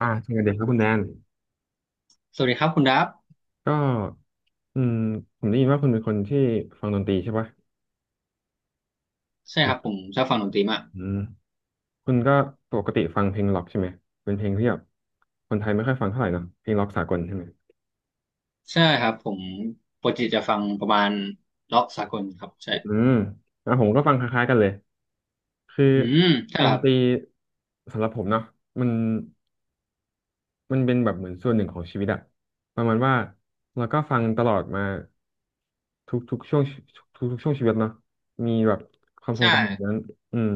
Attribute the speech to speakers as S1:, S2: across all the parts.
S1: อ่าสวัสดีครับคุณแดน
S2: สวัสดีครับคุณดับ
S1: ก็อืมผมได้ยินว่าคุณเป็นคนที่ฟังดนตรีใช่ปะ
S2: ใช่ครับผมชอบฟังดนตรีมาก
S1: อืมคุณก็ปกติฟังเพลงล็อกใช่ไหมเป็นเพลงที่แบบคนไทยไม่ค่อยฟังเท่าไหร่เนอะเพลงล็อกสากลใช่ไหม
S2: ใช่ครับผมปกติจะฟังประมาณร็อกสากลครับใช่
S1: อืมอ่ะผมก็ฟังคล้ายๆกันเลยคือ
S2: อืมใช่
S1: ด
S2: เหรอ
S1: น
S2: ครั
S1: ตรี
S2: บ
S1: สำหรับผมเนาะมันมันเป็นแบบเหมือนส่วนหนึ่งของชีวิตอะประมาณว่าเราก็ฟังตลอดมาทุกช่วงทุกช่วงชีวิตเนาะมีแบบความทรง
S2: ใช่
S1: จำแบบนั้นอืม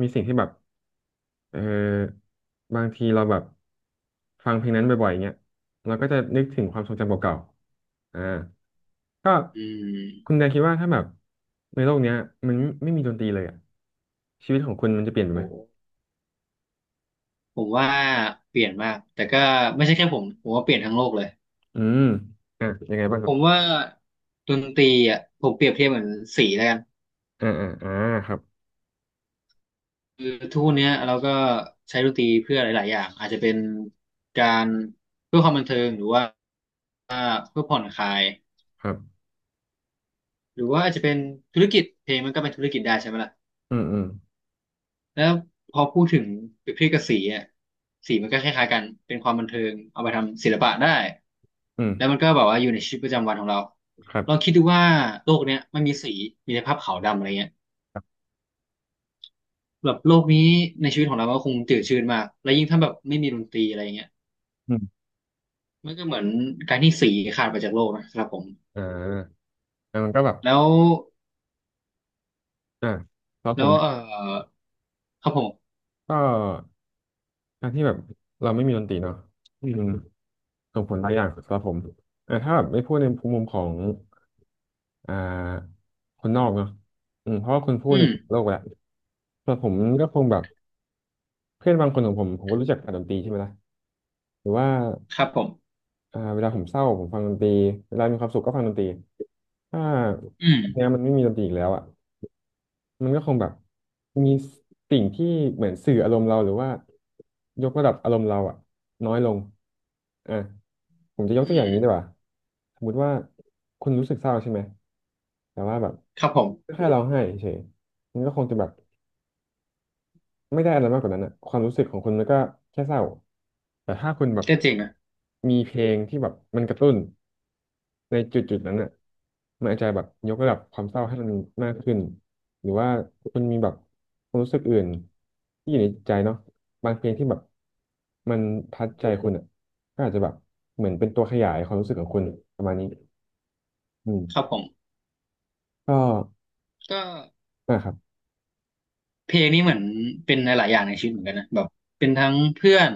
S1: มีสิ่งที่แบบ เออบางทีเราแบบฟังเพลงนั้นบ่อยๆเงี้ยเราก็จะนึกถึงความทรงจำเก่าๆอ่าก็
S2: อื
S1: คุณ
S2: ม
S1: แดนคิดว่าถ้าแบบในโลกเนี้ยมันไม่มีดนตรีเลยอ่ะชีวิตของคุณมันจะเปลี่ยนไปไหม
S2: โหผมว่าเปลี่ยนมากแต่ก็ไม่ใช่แค่ผมว่าเปลี่ยนทั้งโลกเลย
S1: อืมอ่ะยังไงบ้างค
S2: ผ
S1: รับ
S2: มว่าดนตรีอ่ะผมเปรียบเทียบเหมือนสีแล้วกัน
S1: อ่าอ่าอ่าครับ
S2: คือทุกวันเนี้ยเราก็ใช้ดนตรีเพื่อหลายๆอย่างอาจจะเป็นการเพื่อความบันเทิงหรือว่าเพื่อผ่อนคลาย
S1: ครับ
S2: หรือว่าอาจจะเป็นธุรกิจเพลงมันก็เป็นธุรกิจได้ใช่ไหมล่ะ
S1: อืมอืม
S2: แล้วพอพูดถึงเปรียบเทียบกับสีอ่ะสีมันก็คล้ายๆกันเป็นความบันเทิงเอาไปทำศิลปะได้
S1: อืม
S2: แล้วมันก็แบบว่าอยู่ในชีวิตประจำวันของเรา
S1: ครั
S2: ลอง
S1: บ
S2: คิดดูว่าโลกเนี้ยไม่มีสีมีแต่ภาพขาวดำอะไรเงี้ยแบบโลกนี้ในชีวิตของเรามันก็คงจืดชืดมากแล้วยิ่งถ้าแบบไม่มีดนตรีอะไรเงี้ย
S1: อืม
S2: มันก็เหมือนการที่สีขาดไปจากโลกนะครับผม
S1: อ่าแล้วมันก็แบบ
S2: แล้ว
S1: อ่าแล้วผ
S2: แล้
S1: ม
S2: วเออครับผม
S1: ก็การที่แบบเราไม่มีดนตรีเนาะอืม ส่งผลหลายอย่างสำหรับผมแต่ถ้าแบบไม่พูดในมุมของอ่าคนนอกเนาะอืมเพราะว่าคุณพูด
S2: อื
S1: ใน
S2: ม
S1: โลกแหละแต่ผมก็คงแบบเพื่อนบางคนของผมผมก็รู้จักกับดนตรีใช่ไหมล่ะหรือว่า
S2: ครับผม
S1: อ่าเวลาผมเศร้าผมฟังดนตรีเวลามีความสุขก็ฟังดนตรีถ้า
S2: อืม
S1: เนี้ยมันไม่มีดนตรีอีกแล้วอ่ะ มันก็คงแบบมีสิ่งที่เหมือนสื่ออารมณ์เราหรือว่ายกระดับอารมณ์เราอะน้อยลงอ่ะผมจะยกตั
S2: อื
S1: วอย่าง
S2: ม
S1: นี้ดีกว่าสมมุติว่าคุณรู้สึกเศร้าใช่ไหมแต่ว่าแบบ
S2: ครับผม
S1: แค่เราให้เฉยมันก็คงจะแบบ ไม่ได้อะไรมากกว่านั้นอะความรู้สึกของคุณมันก็แค่เศร้าแต่ถ้าคุณแบบ
S2: ก็จริงนะ
S1: มีเพลงที่แบบมันกระตุ้นในจุดนั้นอะมันอาจจะแบบยกระดับความเศร้าให้มันมากขึ้นหรือว่าคุณมีแบบความรู้สึกอื่นที่อยู่ในใจเนาะบางเพลงที่แบบมันทัดใจคุณอะก็อาจจะแบบเหมือนเป็นตัวขยายความรู้สึกของคุณประมาณนี้อืม
S2: ครับผม
S1: ก็
S2: ก็
S1: นะครับ
S2: เพลงนี่เหมือนเป็นหลายๆอย่างในชีวิตเหมือนกันนะแบบเป็นทั้งเพื่อน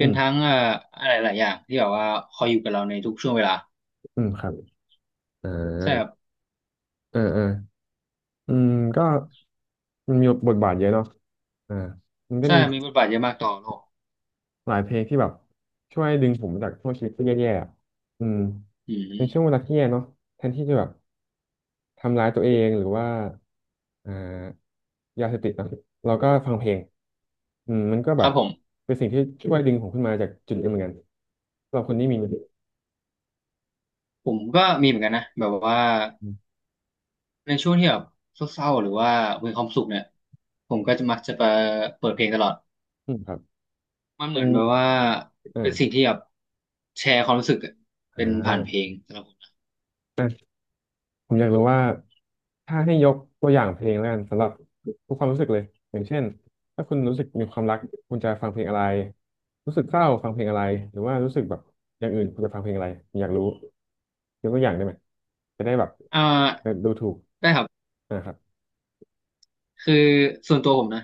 S1: อื
S2: ็น
S1: ม
S2: ทั้งอะไรหลายอย่างที่แบบว่าคอยอยู่กับเราในทุกช่วงเวลา
S1: อืมครับอ่า
S2: ใช่ครับ
S1: เออเอออืมก็ มันมีบทบาทเยอะเนาะอ่ามันก็
S2: ใช่
S1: มี
S2: มีบทบาทเยอะมากต่อโลก
S1: หลายเพลงที่แบบช่วยดึงผมจากช่วงชีวิตที่แย่ๆอะอืม
S2: อื
S1: เป็นช่วงเว
S2: ม
S1: ลาที่แย่เนาะแทนที่จะแบบทำร้ายตัวเองหรือว่าอ่ายาเสพติดเนอะเราก็ฟังเพลงอืมมันก็แบ
S2: ครั
S1: บ
S2: บผม
S1: เป็นสิ่งที่ช่วยดึงผมขึ้นมาจากจุดนี้เหมือนกันสำหรับคนที่มี
S2: ก็มีเหมือนกันนะแบบว่า
S1: อ
S2: ในช่วงที่แบบเศร้าๆหรือว่ามีความสุขเนี่ยผมก็จะมักจะไปเปิดเพลงตลอด
S1: ืมครับ
S2: มันเห
S1: เป็
S2: มือ
S1: น
S2: นแบบว่าเป็นสิ่ง
S1: เออ
S2: ที่แบบแชร์ความรู้สึกอะ
S1: อ่
S2: เป็นผ่านเพล
S1: า
S2: งสำหรับผมนะ
S1: ผมอยากรู้ว่าถ้าให้ยกตัวอย่างเพลงแล้วกันสำหรับทุกความรู้สึกเลยอย่างเช่นถ้าคุณรู้สึกมีความรักคุณจะฟังเพลงอะไรรู้สึกเศร้าฟังเพลงอะไรหรือว่ารู้สึกแบบอย่างอื่นคุณจะฟังเพลงอะไรผมอยากรู้ยกตัวอย่างได้ไหมจะได้แบบ
S2: อ่า
S1: เดูถูก
S2: ได้ครับ
S1: นะครับ
S2: คือส่วนตัวผมนะ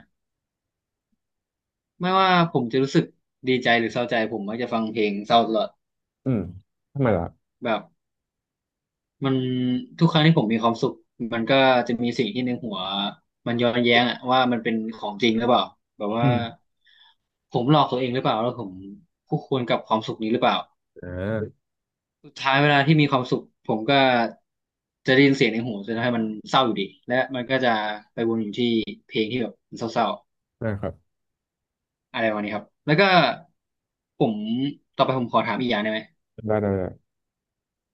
S2: ไม่ว่าผมจะรู้สึกดีใจหรือเศร้าใจผมมักจะฟังเพลงเศร้าตลอด
S1: อืมทำไมล่ะ
S2: แบบมันทุกครั้งที่ผมมีความสุขมันก็จะมีสิ่งที่ในหัวมันย้อนแย้งอะว่ามันเป็นของจริงหรือเปล่าแบบ
S1: อื
S2: ว่า
S1: ม
S2: ผมหลอกตัวเองหรือเปล่าแล้วผมคู่ควรกับความสุขนี้หรือเปล่า
S1: อ่า
S2: สุดท้ายเวลาที่มีความสุขผมก็จะได้ยินเสียงในหูจะทำให้มันเศร้าอยู่ดีและมันก็จะไปวนอยู่ที่เศร้า
S1: นะครับ
S2: ๆอะไรวันนี้ครับแล้วก็ผมต่อไปผมขอถามอีกอย่างได้ไหม
S1: ได้ได้ได้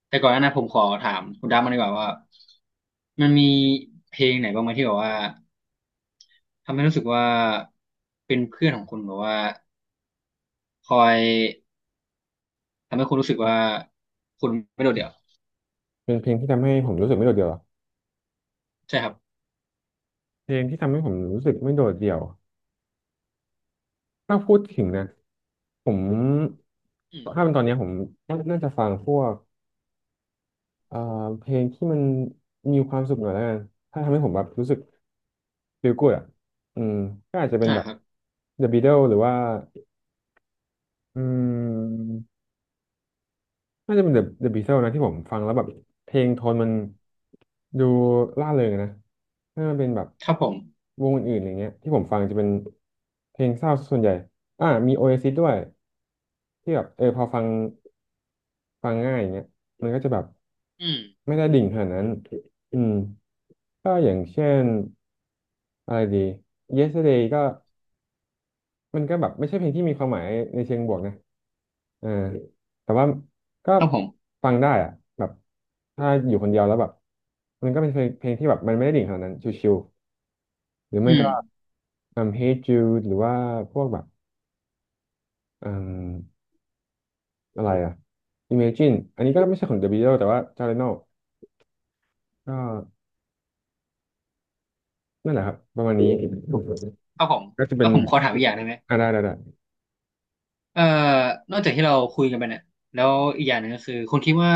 S2: แต่ก่อนหน้านั้นผมขอถามคุณดับมันดีกว่าว่ามันมีเพลงไหนบ้างไหมที่แบบว่าทำให้รู้สึกว่าเป็นเพื่อนของคุณแบบว่าคอยทำให้คุณรู้สึกว่าคุณไม่โดดเดี่ยว
S1: เป็นเพลงที่ทำให้ผมรู้สึกไม่โดดเดี่ยวเหรอ
S2: ใช่ครับ
S1: เพลงที่ทำให้ผมรู้สึกไม่โดดเดี่ยวถ้าพูดถึงนะผม
S2: อืม
S1: ถ้าเป็นตอนเนี้ยผมน่าจะฟังพวก เอ่อเพลงที่มันมีความสุขหน่อยแล้วกันถ้าทำให้ผมแบบรู้สึก feel good อ่ะอืมก็อาจจะเป็น
S2: อ่า
S1: แบบ
S2: ครับ
S1: The Beatles หรือว่าอืมน่าจะเป็น The Beatles นะที่ผมฟังแล้วแบบเพลงโทนมันดูร่าเริงอะนะถ้ามันเป็นแบบ
S2: ครับผม
S1: วงอื่นๆอย่างเงี้ยที่ผมฟังจะเป็นเพลงเศร้าส่วนใหญ่อ่ามี Oasis ด้วยที่แบบเออพอฟัง ฟังง่ายอย่างเงี้ยมันก็จะแบบ
S2: อืม
S1: ไม่ได้ดิ่งขนาดนั้นอืมก็อย่างเช่นอะไรดี Yesterday ก็มันก็แบบไม่ใช่เพลงที่มีความหมายในเชิงบวกนะอ่าแต่ว่าก็
S2: ครับผม
S1: ฟังได้อะแบบถ้าอยู่คนเดียวแล้วแบบมันก็เป็นเพลงที่แบบมันไม่ได้ดิ่งขนาดนั้นชิวๆหรือ
S2: อื
S1: ไม่
S2: ม
S1: ก็ Hey Jude หรือว่าพวกแบบอืมอะไรอะ Imagine อันนี้ก็ไม่ใช่ของ The Beatles แต่ว่า j a r e n o ก็ นั่นแหละครับประมาณนี้
S2: ครับผม
S1: ก็จะเป็
S2: แล้
S1: น
S2: วผมขอถามอีกอย่างได้ไหม
S1: ได้ได้ได้
S2: เอ่อนอกจากที่เราคุยกันไปเนี่ยแล้วอีกอย่างหนึ่งก็คือคุณคิดว่า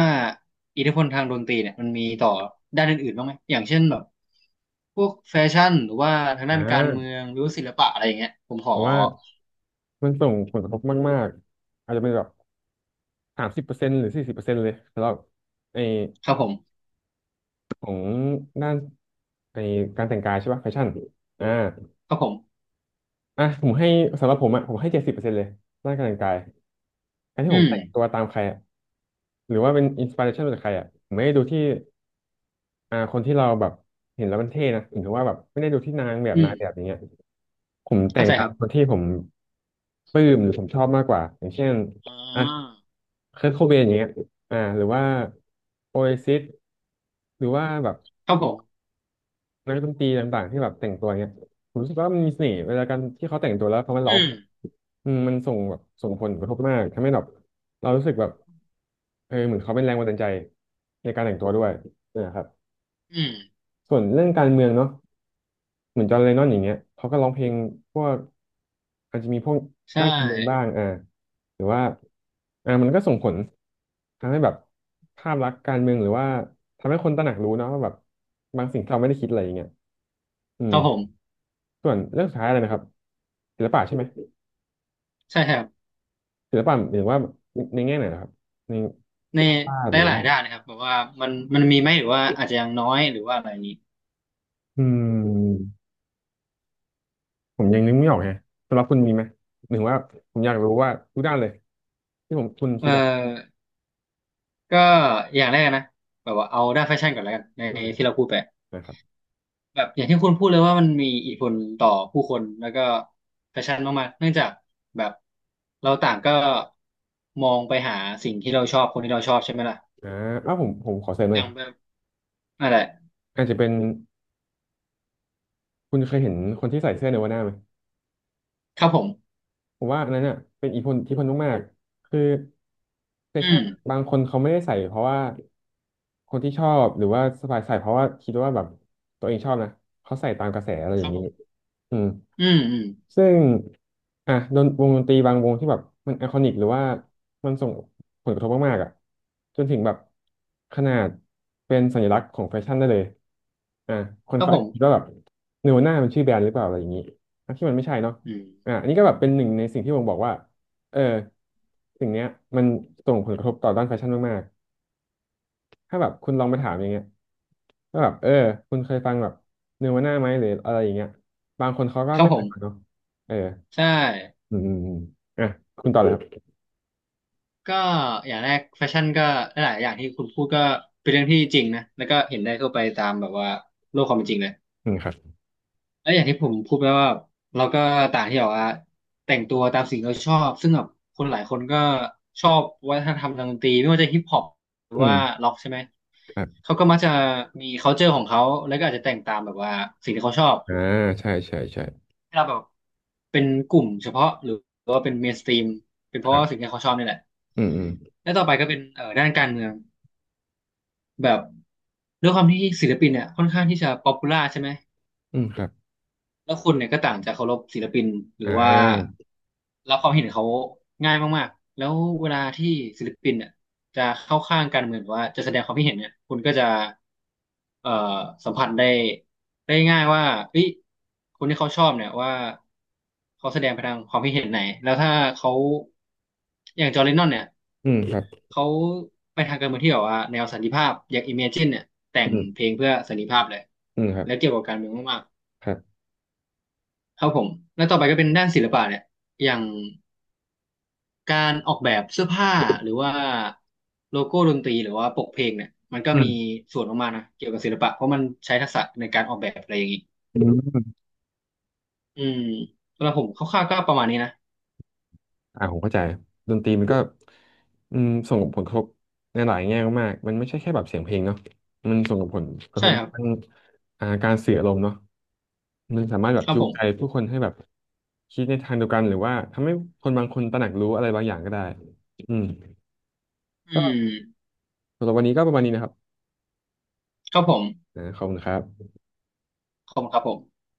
S2: อิทธิพลทางดนตรีเนี่ยมันมีต่อด้านอื่นๆบ้างไหมอย่างเช่นแบบพวกแฟชั่นหรือว่าทาง
S1: อ่
S2: ด้านการเมือ
S1: า
S2: งหรือว่าศิลปะอะไรอย่างเงี้ยผมข
S1: ผ
S2: อ
S1: มว่ามันส่งผลกระทบมากๆอาจจะเป็นแบบ30%หรือ40%เลยสำหรับไอ
S2: ครับผม
S1: ของด้านไอการแต่งกายใช่ป่ะแฟชั่นอ่า
S2: ครับผม
S1: อ่ะผมให้สำหรับผมอ่ะผมให้70%เลยด้านการแต่งกายการที่
S2: อื
S1: ผม
S2: ม
S1: แต่งตัวตามใครอ่ะหรือว่าเป็นอินสปิเรชันมาจากใครอ่ะผมไม่ได้ดูที่คนที่เราแบบเห็นแล้วมันเท่นะหรือว่าแบบไม่ได้ดูที่นางแบบ
S2: อื
S1: นา
S2: ม
S1: ยแบบอย่างเงี้ย ผมแต่
S2: เข้า
S1: ง
S2: ใจ
S1: ตา
S2: ครั
S1: ม
S2: บ
S1: คนที่ผมปลื้มหรือผมชอบมากกว่าอย่างเช่น
S2: อ่
S1: อ่ะ
S2: า
S1: เคิร์ทโคเบนอย่างเงี้ยหรือว่าโอเอซิสหรือว่าแบบ
S2: ครับผม
S1: นักดนตรีต่างๆที่แบบแต่งตัวเงี้ยผมรู้สึกว่ามันมีเสน่ห์เวลาการที่เขาแต่งตัวแล้วเขามา
S2: อื
S1: ร้อง
S2: ม
S1: มันส่งแบบส่งผลกระทบมากทำให้แบบเรารู้สึกแบบเออเหมือนเขาเป็นแรงบันดาลใจในการแต่งตัวด้วยนะครับ
S2: อืม
S1: ส่วนเรื่องการเมืองเนาะ เหมือนจอห์นเลนนอนอย่างเงี้ยเขาก็ร้องเพลงพวกอาจจะมีพวก
S2: ใช
S1: ด้านการเมืองบ้า
S2: ่
S1: งอ่าหรือว่ามันก็ส่งผลทำให้แบบภาพลักษณ์การเมืองหรือว่าทำให้คนตระหนักรู้เนอะว่าแบบบางสิ่งที่เราไม่ได้คิดอะไรอย่างเงี้ยอื
S2: ค
S1: ม
S2: รับผม
S1: ส่วนเรื่องสุดท้ายเลยนะครับศิลปะใช่ไหม
S2: ใช่ครับ
S1: ศิลปะหมายถึงว่าในแง่ไหนนะครับในเค
S2: ใน
S1: รื่องวาดหรือ
S2: หลา
S1: ว่า
S2: ยๆด้านนะครับแบบว่ามันมีไหมหรือว่าอาจจะยังน้อยหรือว่าอะไรอย่างนี้
S1: อืมผมยังนึกไม่ออกฮะสำหรับคุณมีไหมหมายถึงว่าผมอยากรู้ว่าทุกด้านเลยที่ผมคุณ
S2: เอ
S1: คิดอ่ะ
S2: อ ก็อย่างแรกนะแบบว่าเอาด้านแฟชั่นก่อนแล้วกันใน
S1: อืม
S2: ที่เราพูดไป
S1: นะครับ
S2: แบบอย่างที่คุณพูดเลยว่ามันมีอิทธิพลต่อผู้คนแล้วก็แฟชั่นมากๆเนื่องจากแบบเราต่างก็มองไปหาสิ่งที่เราชอบคนที่เราชอบใช่ไหมล่ะ
S1: อ่าอ้าวผมขอเสริมห
S2: อ
S1: น่อย
S2: ย่างแบบอะไร
S1: อาจจะเป็นคุณเคยเห็นคนที่ใส่เสื้อเนวาน่าไหม
S2: ครับผม
S1: ผมว่าอันนั้นเนี่ยเป็นอิทธิพลมากๆคือ
S2: อื
S1: ช่าง
S2: ม
S1: บางคนเขาไม่ได้ใส่เพราะว่าคนที่ชอบหรือว่าสบายใส่เพราะว่าคิดว่าแบบตัวเองชอบนะเขาใส่ตามกระแสอะไรอ
S2: ค
S1: ย่า
S2: รั
S1: ง
S2: บผ
S1: นี้
S2: ม
S1: อืม
S2: อืมอืม
S1: ซึ่งอ่ะวงดนตรีบางวงที่แบบมันไอคอนิกหรือว่ามันส่งผลกระทบมากๆอ่ะจนถึงแบบขนาดเป็นสัญลักษณ์ของแฟชั่นได้เลยอ่ะคน
S2: ครับ
S1: เขา
S2: ผ
S1: อาจ
S2: ม
S1: จะคิดว่าแบบเนวน่ามันชื่อแบรนด์หรือเปล่าอะไรอย่างนี้ทั้งที่มันไม่ใช่เนาะ
S2: อืม
S1: อ่ะอันนี้ก็แบบเป็นหนึ่งในสิ่งที่ผมบอกว่าเออสิ่งเนี้ยมันส่งผลกระทบต่อด้านแฟชั่นมากๆถ้าแบบคุณลองไปถามอย่างเงี้ยว่าแบบคุณเคยฟังแบบเนวาน่าไหมหรืออะไรอย่างเงี้ยบางคนเขาก็
S2: ครับ
S1: ไม่
S2: ผ
S1: เคยฟัง
S2: ม
S1: เนาะเออ
S2: ใช่
S1: อืมอืมอมอ่ะคุณต่อเลย
S2: ก็อย่างแรกแฟชั่นก็หลายๆอย่างที่คุณพูดก็เป็นเรื่องที่จริงนะแล้วก็เห็นได้ทั่วไปตามแบบว่าโลกความเป็นจริงเลย
S1: ครับ
S2: แล้วอย่างที่ผมพูดไปว่าเราก็ต่างที่บอกว่าแต่งตัวตามสิ่งที่เราชอบซึ่งแบบคนหลายคนก็ชอบวัฒนธรรมทางดนตรีไม่ว่าจะฮิปฮอปหรือ
S1: อื
S2: ว่า
S1: ม
S2: ร็อกใช่ไหม
S1: ครับอืมครับ
S2: เขาก็มักจะมี culture ของเขาแล้วก็อาจจะแต่งตามแบบว่าสิ่งที่เขาชอบ
S1: อ่าใช่ใช่ใช่
S2: ให้เราแบบเป็นกลุ่มเฉพาะหรือว่าเป็นเมสตีมเป็นเพ
S1: ค
S2: ราะ
S1: รั
S2: ว่าสิ่ง
S1: บ
S2: ที่เขาชอบนี่แหละ
S1: อืมอืม
S2: และต่อไปก็เป็นด้านการเมืองแบบด้วยความที่ศิลปินเนี่ยค่อนข้างที่จะป๊อปปูล่าใช่ไหม
S1: อืมครับ
S2: แล้วคุณเนี่ยก็ต่างจากเคารพศิลปินหรื
S1: อ่
S2: อว่า
S1: า
S2: รับความเห็นเขาง่ายมากๆแล้วเวลาที่ศิลปินเนี่ยจะเข้าข้างการเมืองหรือว่าจะแสดงความคิดเห็นเนี่ยคุณก็จะเอ่อสัมผัสได้ได้ง่ายว่าเอ้ยคนที่เขาชอบเนี่ยว่าเขาแสดงไปทางความคิดเห็นไหนแล้วถ้าเขาอย่างจอร์แดนนอนเนี่ย
S1: อืมครับ
S2: เขาไปทางการเมืองที่แบบว่าแนวสันติภาพอย่างอิมเมจินเนี่ยแต่ง
S1: อื
S2: เพล
S1: ม
S2: งเพื่อสันติภาพเลย
S1: อืมครับ
S2: แล้วเกี่ยวกับการเมืองมาก
S1: ครับ
S2: ครับผมแล้วต่อไปก็เป็นด้านศิลปะเนี่ยอย่างการออกแบบเสื้อผ้าหรือว่าโลโก้ดนตรีหรือว่าปกเพลงเนี่ยมันก็
S1: อื
S2: มี
S1: ม
S2: ส่วนออกมานะเกี่ยวกับศิลปะเพราะมันใช้ทักษะในการออกแบบอะไรอย่างนี้
S1: อืม
S2: อืมสำหรับผมคร่าวๆก็ประมาณนี้นะ
S1: ผมเข้าใจดนตรีมันก็ส่งผลกระทบในหลายแง่มากๆมันไม่ใช่แค่แบบเสียงเพลงเนาะมันส่งผลกระท
S2: ใช่
S1: บ
S2: ครับ
S1: ทางการสื่ออารมณ์เนาะมันสามารถแบบ
S2: ครับ
S1: จู
S2: ผ
S1: งใจ
S2: ม
S1: ผู้คนให้แบบคิดในทางเดียวกันหรือว่าทำให้คนบางคนตระหนักรู้อะไรบางอย่างก็ได้อืม
S2: อืม
S1: ก็สำหรับวันนี้ก็ประมาณนี้นะครับ
S2: ครับผม
S1: นะขอบคุณครับ
S2: ขอบคุณครับผม